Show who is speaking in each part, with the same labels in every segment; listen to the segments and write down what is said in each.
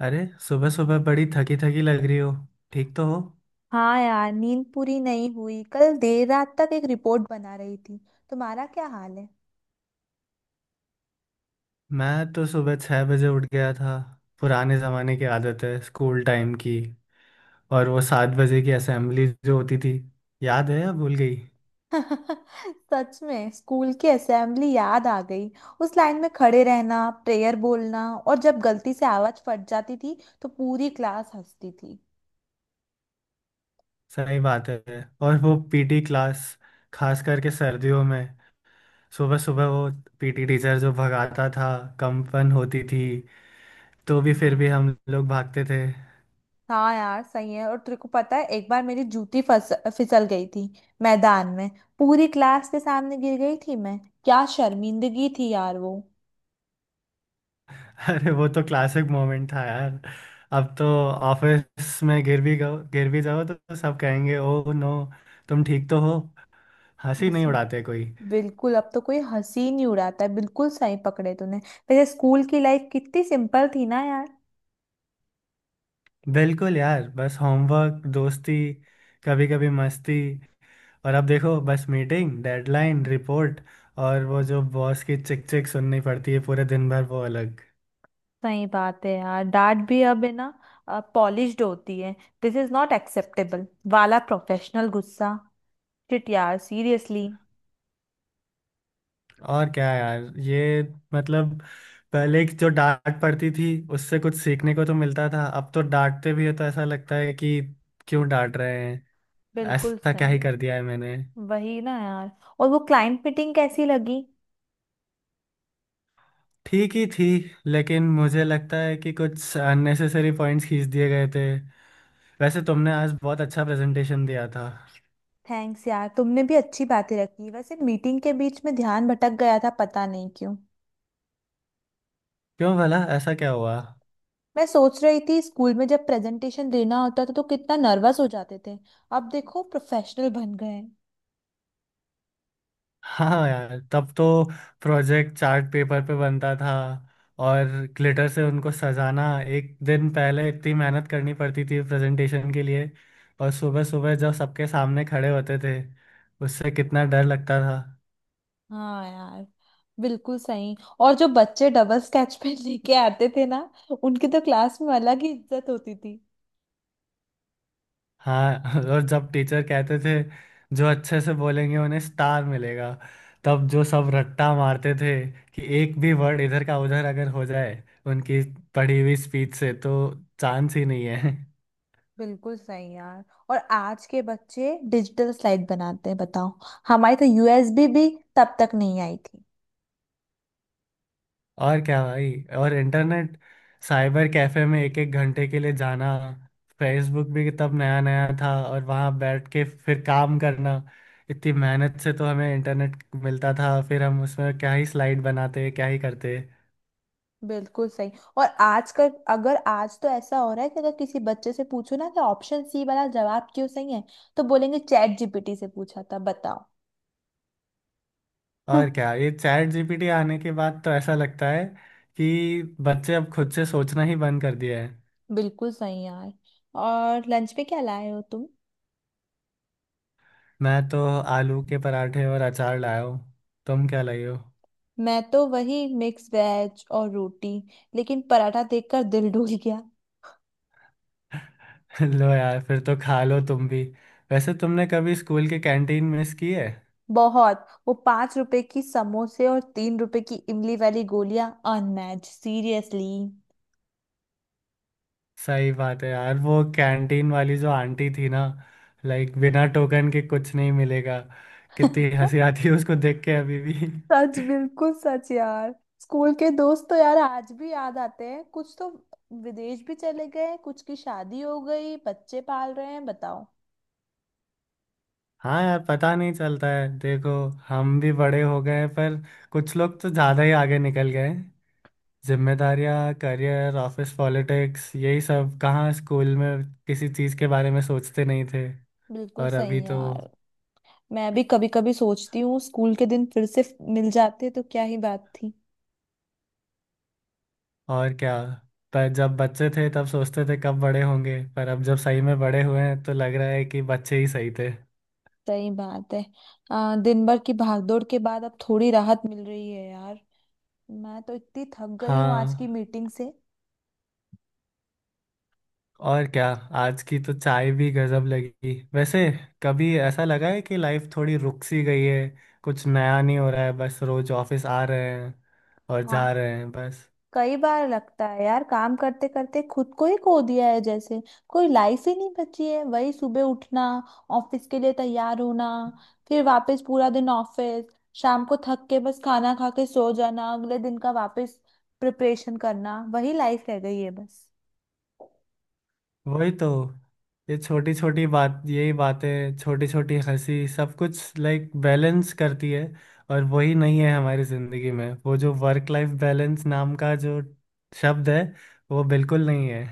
Speaker 1: अरे, सुबह सुबह बड़ी थकी थकी लग रही हो। ठीक तो हो।
Speaker 2: हाँ यार, नींद पूरी नहीं हुई। कल देर रात तक एक रिपोर्ट बना रही थी। तुम्हारा क्या हाल है?
Speaker 1: मैं तो सुबह 6 बजे उठ गया था। पुराने ज़माने की आदत है, स्कूल टाइम की। और वो 7 बजे की असेंबली जो होती थी, याद है या भूल गई।
Speaker 2: सच में स्कूल की असेंबली याद आ गई। उस लाइन में खड़े रहना, प्रेयर बोलना, और जब गलती से आवाज फट जाती थी तो पूरी क्लास हंसती थी।
Speaker 1: सही बात है। और वो पीटी क्लास, खास करके सर्दियों में, सुबह सुबह वो पीटी टीचर जो भगाता था, कंपन होती थी, तो भी फिर भी
Speaker 2: हाँ,
Speaker 1: हम लोग भागते थे।
Speaker 2: हाँ यार सही है। और तेरे को पता है, एक बार मेरी जूती फस फिसल गई थी मैदान में। पूरी क्लास के सामने गिर गई थी मैं। क्या शर्मिंदगी थी यार वो।
Speaker 1: अरे वो तो क्लासिक मोमेंट था यार। अब तो ऑफिस में गिर भी जाओ तो सब कहेंगे, ओ नो, तुम ठीक तो हो। हंसी नहीं
Speaker 2: हंसी?
Speaker 1: उड़ाते कोई।
Speaker 2: बिल्कुल, अब तो कोई हंसी ही नहीं उड़ाता है। बिल्कुल सही पकड़े तूने। पहले स्कूल की लाइफ कितनी सिंपल थी ना यार।
Speaker 1: बिल्कुल यार, बस होमवर्क, दोस्ती, कभी कभी मस्ती। और अब देखो बस मीटिंग, डेडलाइन, रिपोर्ट, और वो जो बॉस की चिक चिक सुननी पड़ती है पूरे दिन भर, वो अलग।
Speaker 2: सही बात है यार, डांट भी अब है ना, पॉलिश्ड होती है। दिस इज नॉट एक्सेप्टेबल वाला प्रोफेशनल गुस्सा। शिट यार, सीरियसली।
Speaker 1: और क्या यार, ये मतलब पहले की जो डांट पड़ती थी उससे कुछ सीखने को तो मिलता था, अब तो डांटते भी है तो ऐसा लगता है कि क्यों डांट रहे हैं।
Speaker 2: बिल्कुल
Speaker 1: ऐसा क्या
Speaker 2: सही
Speaker 1: ही कर
Speaker 2: है।
Speaker 1: दिया है मैंने।
Speaker 2: वही ना यार। और वो क्लाइंट मीटिंग कैसी लगी?
Speaker 1: ठीक ही थी, लेकिन मुझे लगता है कि कुछ अननेसेसरी पॉइंट्स खींच दिए गए थे। वैसे तुमने आज बहुत अच्छा प्रेजेंटेशन दिया था।
Speaker 2: थैंक्स यार, तुमने भी अच्छी बातें रखी। वैसे मीटिंग के बीच में ध्यान भटक गया था, पता नहीं क्यों।
Speaker 1: क्यों भला, ऐसा क्या हुआ।
Speaker 2: मैं सोच रही थी, स्कूल में जब प्रेजेंटेशन देना होता था तो कितना नर्वस हो जाते थे। अब देखो, प्रोफेशनल बन गए हैं।
Speaker 1: हाँ यार, तब तो प्रोजेक्ट चार्ट पेपर पे बनता था और ग्लिटर से उनको सजाना, एक दिन पहले इतनी मेहनत करनी पड़ती थी प्रेजेंटेशन के लिए। और सुबह सुबह जब सबके सामने खड़े होते थे, उससे कितना डर लगता था।
Speaker 2: हाँ यार, बिल्कुल सही। और जो बच्चे डबल स्केच पेन लेके आते थे ना, उनकी तो क्लास में अलग ही इज्जत होती थी।
Speaker 1: हाँ। और जब टीचर कहते थे जो अच्छे से बोलेंगे उन्हें स्टार मिलेगा, तब जो सब रट्टा मारते थे कि एक भी वर्ड इधर का उधर अगर हो जाए उनकी पढ़ी हुई स्पीच से, तो चांस ही नहीं है।
Speaker 2: बिल्कुल सही यार। और आज के बच्चे डिजिटल स्लाइड बनाते हैं, बताओ। हमारी तो यूएसबी भी तब तक नहीं आई थी।
Speaker 1: और क्या भाई, और इंटरनेट साइबर कैफे में एक एक घंटे के लिए जाना, फेसबुक भी तब नया नया था, और वहाँ बैठ के फिर काम करना। इतनी मेहनत से तो हमें इंटरनेट मिलता था, फिर हम उसमें क्या ही स्लाइड बनाते, क्या ही करते।
Speaker 2: बिल्कुल सही। और आज का, अगर आज तो ऐसा हो रहा है कि अगर किसी बच्चे से पूछो ना कि ऑप्शन सी वाला जवाब क्यों सही है, तो बोलेंगे चैट जीपीटी से पूछा था, बताओ। हाँ।
Speaker 1: और क्या, ये चैट जीपीटी आने के बाद तो ऐसा लगता है कि बच्चे अब खुद से सोचना ही बंद कर दिया है।
Speaker 2: बिल्कुल सही यार। और लंच में क्या लाए हो तुम?
Speaker 1: मैं तो आलू के पराठे और अचार लाया हूँ। तुम क्या लाए हो।
Speaker 2: मैं तो वही मिक्स वेज और रोटी। लेकिन पराठा देखकर दिल डूल गया।
Speaker 1: लो यार, फिर तो खा लो तुम भी। वैसे तुमने कभी स्कूल की कैंटीन मिस की है।
Speaker 2: बहुत। वो 5 रुपए की समोसे और 3 रुपए की इमली वाली गोलियां। Unmatch, seriously.
Speaker 1: सही बात है यार, वो कैंटीन वाली जो आंटी थी ना, लाइक बिना टोकन के कुछ नहीं मिलेगा, कितनी हंसी आती है उसको देख के अभी भी।
Speaker 2: सच, बिल्कुल सच यार। स्कूल के दोस्त तो यार आज भी याद आते हैं। कुछ तो विदेश भी चले गए, कुछ की शादी हो गई, बच्चे पाल रहे हैं, बताओ।
Speaker 1: हाँ यार, पता नहीं चलता है देखो, हम भी बड़े हो गए हैं, पर कुछ लोग तो ज़्यादा ही आगे निकल गए हैं। जिम्मेदारियाँ, करियर, ऑफिस पॉलिटिक्स, यही सब। कहाँ स्कूल में किसी चीज़ के बारे में सोचते नहीं थे।
Speaker 2: बिल्कुल
Speaker 1: और अभी
Speaker 2: सही
Speaker 1: तो
Speaker 2: यार। मैं भी कभी कभी सोचती हूँ, स्कूल के दिन फिर से मिल जाते तो क्या ही बात थी।
Speaker 1: और क्या। पर जब बच्चे थे तब सोचते थे कब बड़े होंगे, पर अब जब सही में बड़े हुए हैं तो लग रहा है कि बच्चे ही सही थे।
Speaker 2: सही बात है। दिन भर की भागदौड़ के बाद अब थोड़ी राहत मिल रही है यार। मैं तो इतनी थक गई हूँ आज की
Speaker 1: हाँ,
Speaker 2: मीटिंग से।
Speaker 1: और क्या। आज की तो चाय भी गजब लगी वैसे। कभी ऐसा लगा है कि लाइफ थोड़ी रुक सी गई है, कुछ नया नहीं हो रहा है, बस रोज ऑफिस आ रहे हैं और
Speaker 2: हाँ।
Speaker 1: जा रहे हैं, बस।
Speaker 2: कई बार लगता है यार, काम करते करते खुद को ही खो दिया है जैसे। कोई लाइफ ही नहीं बची है। वही सुबह उठना, ऑफिस के लिए तैयार होना, फिर वापस पूरा दिन ऑफिस, शाम को थक के बस खाना खा के सो जाना, अगले दिन का वापस प्रिपरेशन करना। वही लाइफ रह गई है बस।
Speaker 1: वही तो, ये छोटी छोटी बात, यही बातें, छोटी छोटी हंसी, सब कुछ लाइक बैलेंस करती है। और वही नहीं है हमारी जिंदगी में। वो जो वर्क लाइफ बैलेंस नाम का जो शब्द है, वो बिल्कुल नहीं है।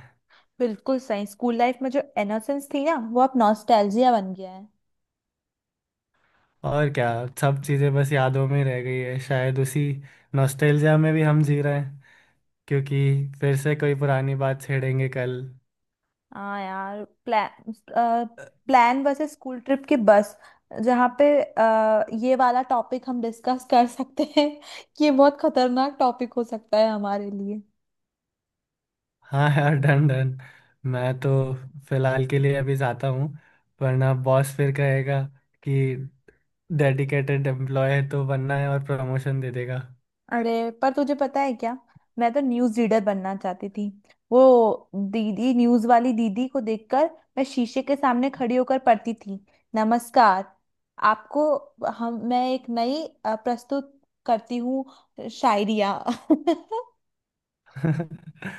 Speaker 2: बिल्कुल सही। स्कूल लाइफ में जो इनोसेंस थी ना, वो अब नॉस्टैल्जिया बन गया है।
Speaker 1: और क्या, सब चीज़ें बस यादों में रह गई है, शायद उसी नॉस्टैल्जिया में भी हम जी रहे हैं, क्योंकि फिर से कोई पुरानी बात छेड़ेंगे कल।
Speaker 2: हाँ यार, प्लान प्लान वैसे स्कूल ट्रिप की बस, जहाँ पे ये वाला टॉपिक हम डिस्कस कर सकते हैं कि ये बहुत खतरनाक टॉपिक हो सकता है हमारे लिए।
Speaker 1: हाँ यार, डन डन। मैं तो फिलहाल के लिए अभी जाता हूँ, वरना बॉस फिर कहेगा कि डेडिकेटेड एम्प्लॉय है तो बनना है, और प्रमोशन दे देगा।
Speaker 2: अरे पर तुझे पता है क्या, मैं तो न्यूज़ रीडर बनना चाहती थी। वो दीदी, न्यूज़ वाली दीदी को देखकर मैं शीशे के सामने खड़ी होकर पढ़ती थी। नमस्कार, आपको हम, मैं एक नई प्रस्तुत करती हूँ, शायरिया।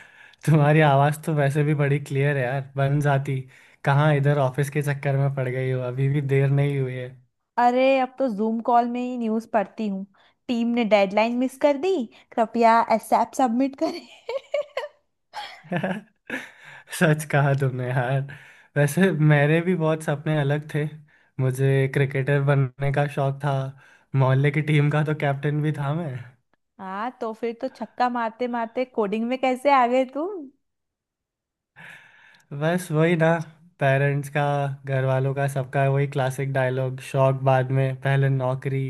Speaker 1: तुम्हारी आवाज़ तो वैसे भी बड़ी क्लियर है यार, बन जाती। कहाँ इधर ऑफिस के चक्कर में पड़ गई हो, अभी भी देर नहीं हुई है।
Speaker 2: अरे अब तो जूम कॉल में ही न्यूज़ पढ़ती हूँ। टीम ने डेडलाइन मिस कर दी, कृपया एसएप सबमिट करें।
Speaker 1: सच कहा तुमने यार। वैसे मेरे भी बहुत सपने अलग थे। मुझे क्रिकेटर बनने का शौक था, मोहल्ले की टीम का तो कैप्टन भी था मैं।
Speaker 2: हाँ, तो फिर तो छक्का मारते मारते कोडिंग में कैसे आ गए तुम?
Speaker 1: बस वही ना, पेरेंट्स का, घर वालों का, सबका वही क्लासिक डायलॉग, शौक बाद में पहले नौकरी।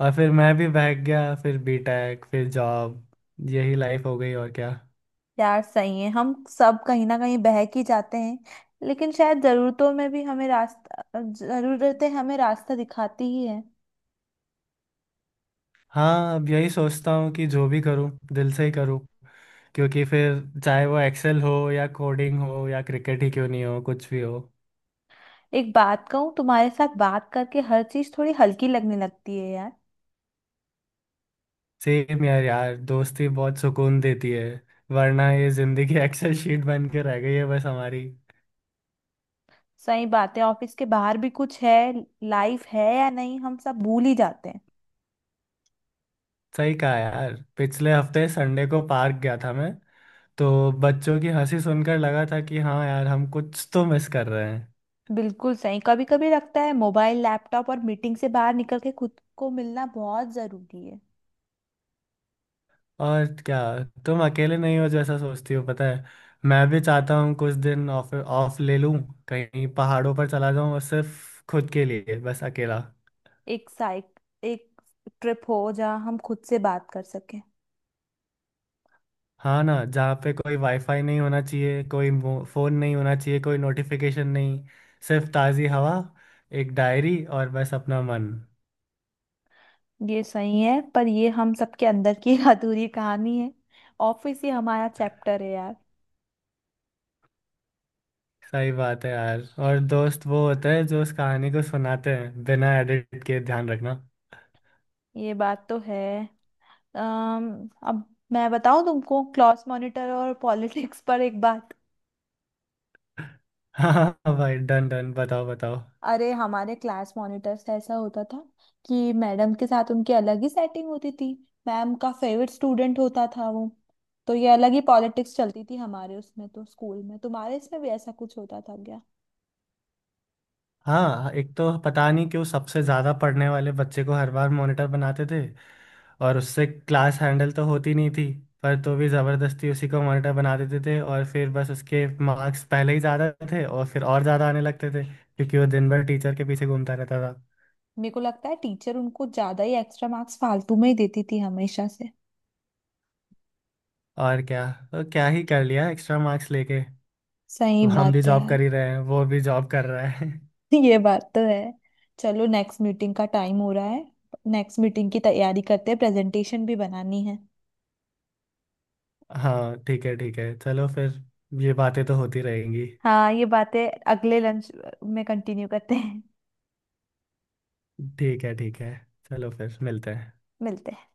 Speaker 1: और फिर मैं भी भाग गया, फिर बीटेक, फिर जॉब, यही लाइफ हो गई, और क्या।
Speaker 2: यार सही है, हम सब कहीं ना कहीं बहक ही जाते हैं। लेकिन शायद जरूरतों में भी हमें रास्ता, जरूरतें हमें रास्ता दिखाती ही है।
Speaker 1: हाँ, अब यही सोचता हूँ कि जो भी करूँ दिल से ही करूँ, क्योंकि फिर चाहे वो एक्सेल हो या कोडिंग हो या क्रिकेट ही क्यों नहीं हो, कुछ भी हो।
Speaker 2: एक बात कहूँ, तुम्हारे साथ बात करके हर चीज थोड़ी हल्की लगने लगती है यार।
Speaker 1: सेम यार यार दोस्ती बहुत सुकून देती है, वरना ये जिंदगी एक्सेल शीट बन के रह गई है बस हमारी।
Speaker 2: सही बात है, ऑफिस के बाहर भी कुछ है, लाइफ है या नहीं, हम सब भूल ही जाते हैं।
Speaker 1: सही कहा यार, पिछले हफ्ते संडे को पार्क गया था मैं, तो बच्चों की हंसी सुनकर लगा था कि हाँ यार, हम कुछ तो मिस कर रहे हैं।
Speaker 2: बिल्कुल सही, कभी कभी लगता है मोबाइल, लैपटॉप और मीटिंग से बाहर निकल के खुद को मिलना बहुत जरूरी है।
Speaker 1: और क्या, तुम अकेले नहीं हो जैसा सोचती हो, पता है। मैं भी चाहता हूँ कुछ दिन ऑफ ऑफ ले लूँ, कहीं पहाड़ों पर चला जाऊँ और सिर्फ खुद के लिए, बस अकेला।
Speaker 2: एक ट्रिप हो जहाँ हम खुद से बात कर सकें।
Speaker 1: हाँ ना, जहाँ पे कोई वाईफाई नहीं होना चाहिए, कोई फोन नहीं होना चाहिए, कोई नोटिफिकेशन नहीं, सिर्फ ताज़ी हवा, एक डायरी, और बस अपना मन।
Speaker 2: ये सही है, पर ये हम सबके अंदर की एक अधूरी कहानी है। ऑफिस ही हमारा चैप्टर है यार।
Speaker 1: सही बात है यार, और दोस्त वो होते हैं जो उस कहानी को सुनाते हैं बिना एडिट के, ध्यान रखना।
Speaker 2: ये बात तो है। अम अब मैं बताऊं तुमको, क्लास मॉनिटर और पॉलिटिक्स पर एक बात।
Speaker 1: हाँ भाई, डन डन, बताओ बताओ।
Speaker 2: अरे हमारे क्लास मॉनिटर से ऐसा होता था कि मैडम के साथ उनकी अलग ही सेटिंग होती थी। मैम का फेवरेट स्टूडेंट होता था वो। तो ये अलग ही पॉलिटिक्स चलती थी हमारे उसमें, तो स्कूल में तुम्हारे इसमें भी ऐसा कुछ होता था क्या?
Speaker 1: हाँ, एक तो पता नहीं क्यों सबसे ज़्यादा पढ़ने वाले बच्चे को हर बार मॉनिटर बनाते थे, और उससे क्लास हैंडल तो होती नहीं थी, पर तो भी ज़बरदस्ती उसी को मॉनिटर बना देते थे। और फिर बस, उसके मार्क्स पहले ही ज़्यादा थे और फिर और ज़्यादा आने लगते थे, क्योंकि वो दिन भर टीचर के पीछे घूमता रहता था।
Speaker 2: मेरे को लगता है टीचर उनको ज्यादा ही एक्स्ट्रा मार्क्स फालतू में ही देती थी हमेशा से।
Speaker 1: और क्या, तो क्या ही कर लिया एक्स्ट्रा मार्क्स लेके।
Speaker 2: सही
Speaker 1: हम भी
Speaker 2: बात है
Speaker 1: जॉब
Speaker 2: यार।
Speaker 1: कर ही रहे हैं, वो भी जॉब कर रहा है।
Speaker 2: ये बात तो है। चलो, नेक्स्ट मीटिंग का टाइम हो रहा है, नेक्स्ट मीटिंग की तैयारी करते हैं, प्रेजेंटेशन भी बनानी है।
Speaker 1: हाँ ठीक है ठीक है, चलो फिर, ये बातें तो होती रहेंगी।
Speaker 2: हाँ, ये बातें अगले लंच में कंटिन्यू करते हैं।
Speaker 1: ठीक है ठीक है, चलो फिर मिलते हैं।
Speaker 2: मिलते हैं।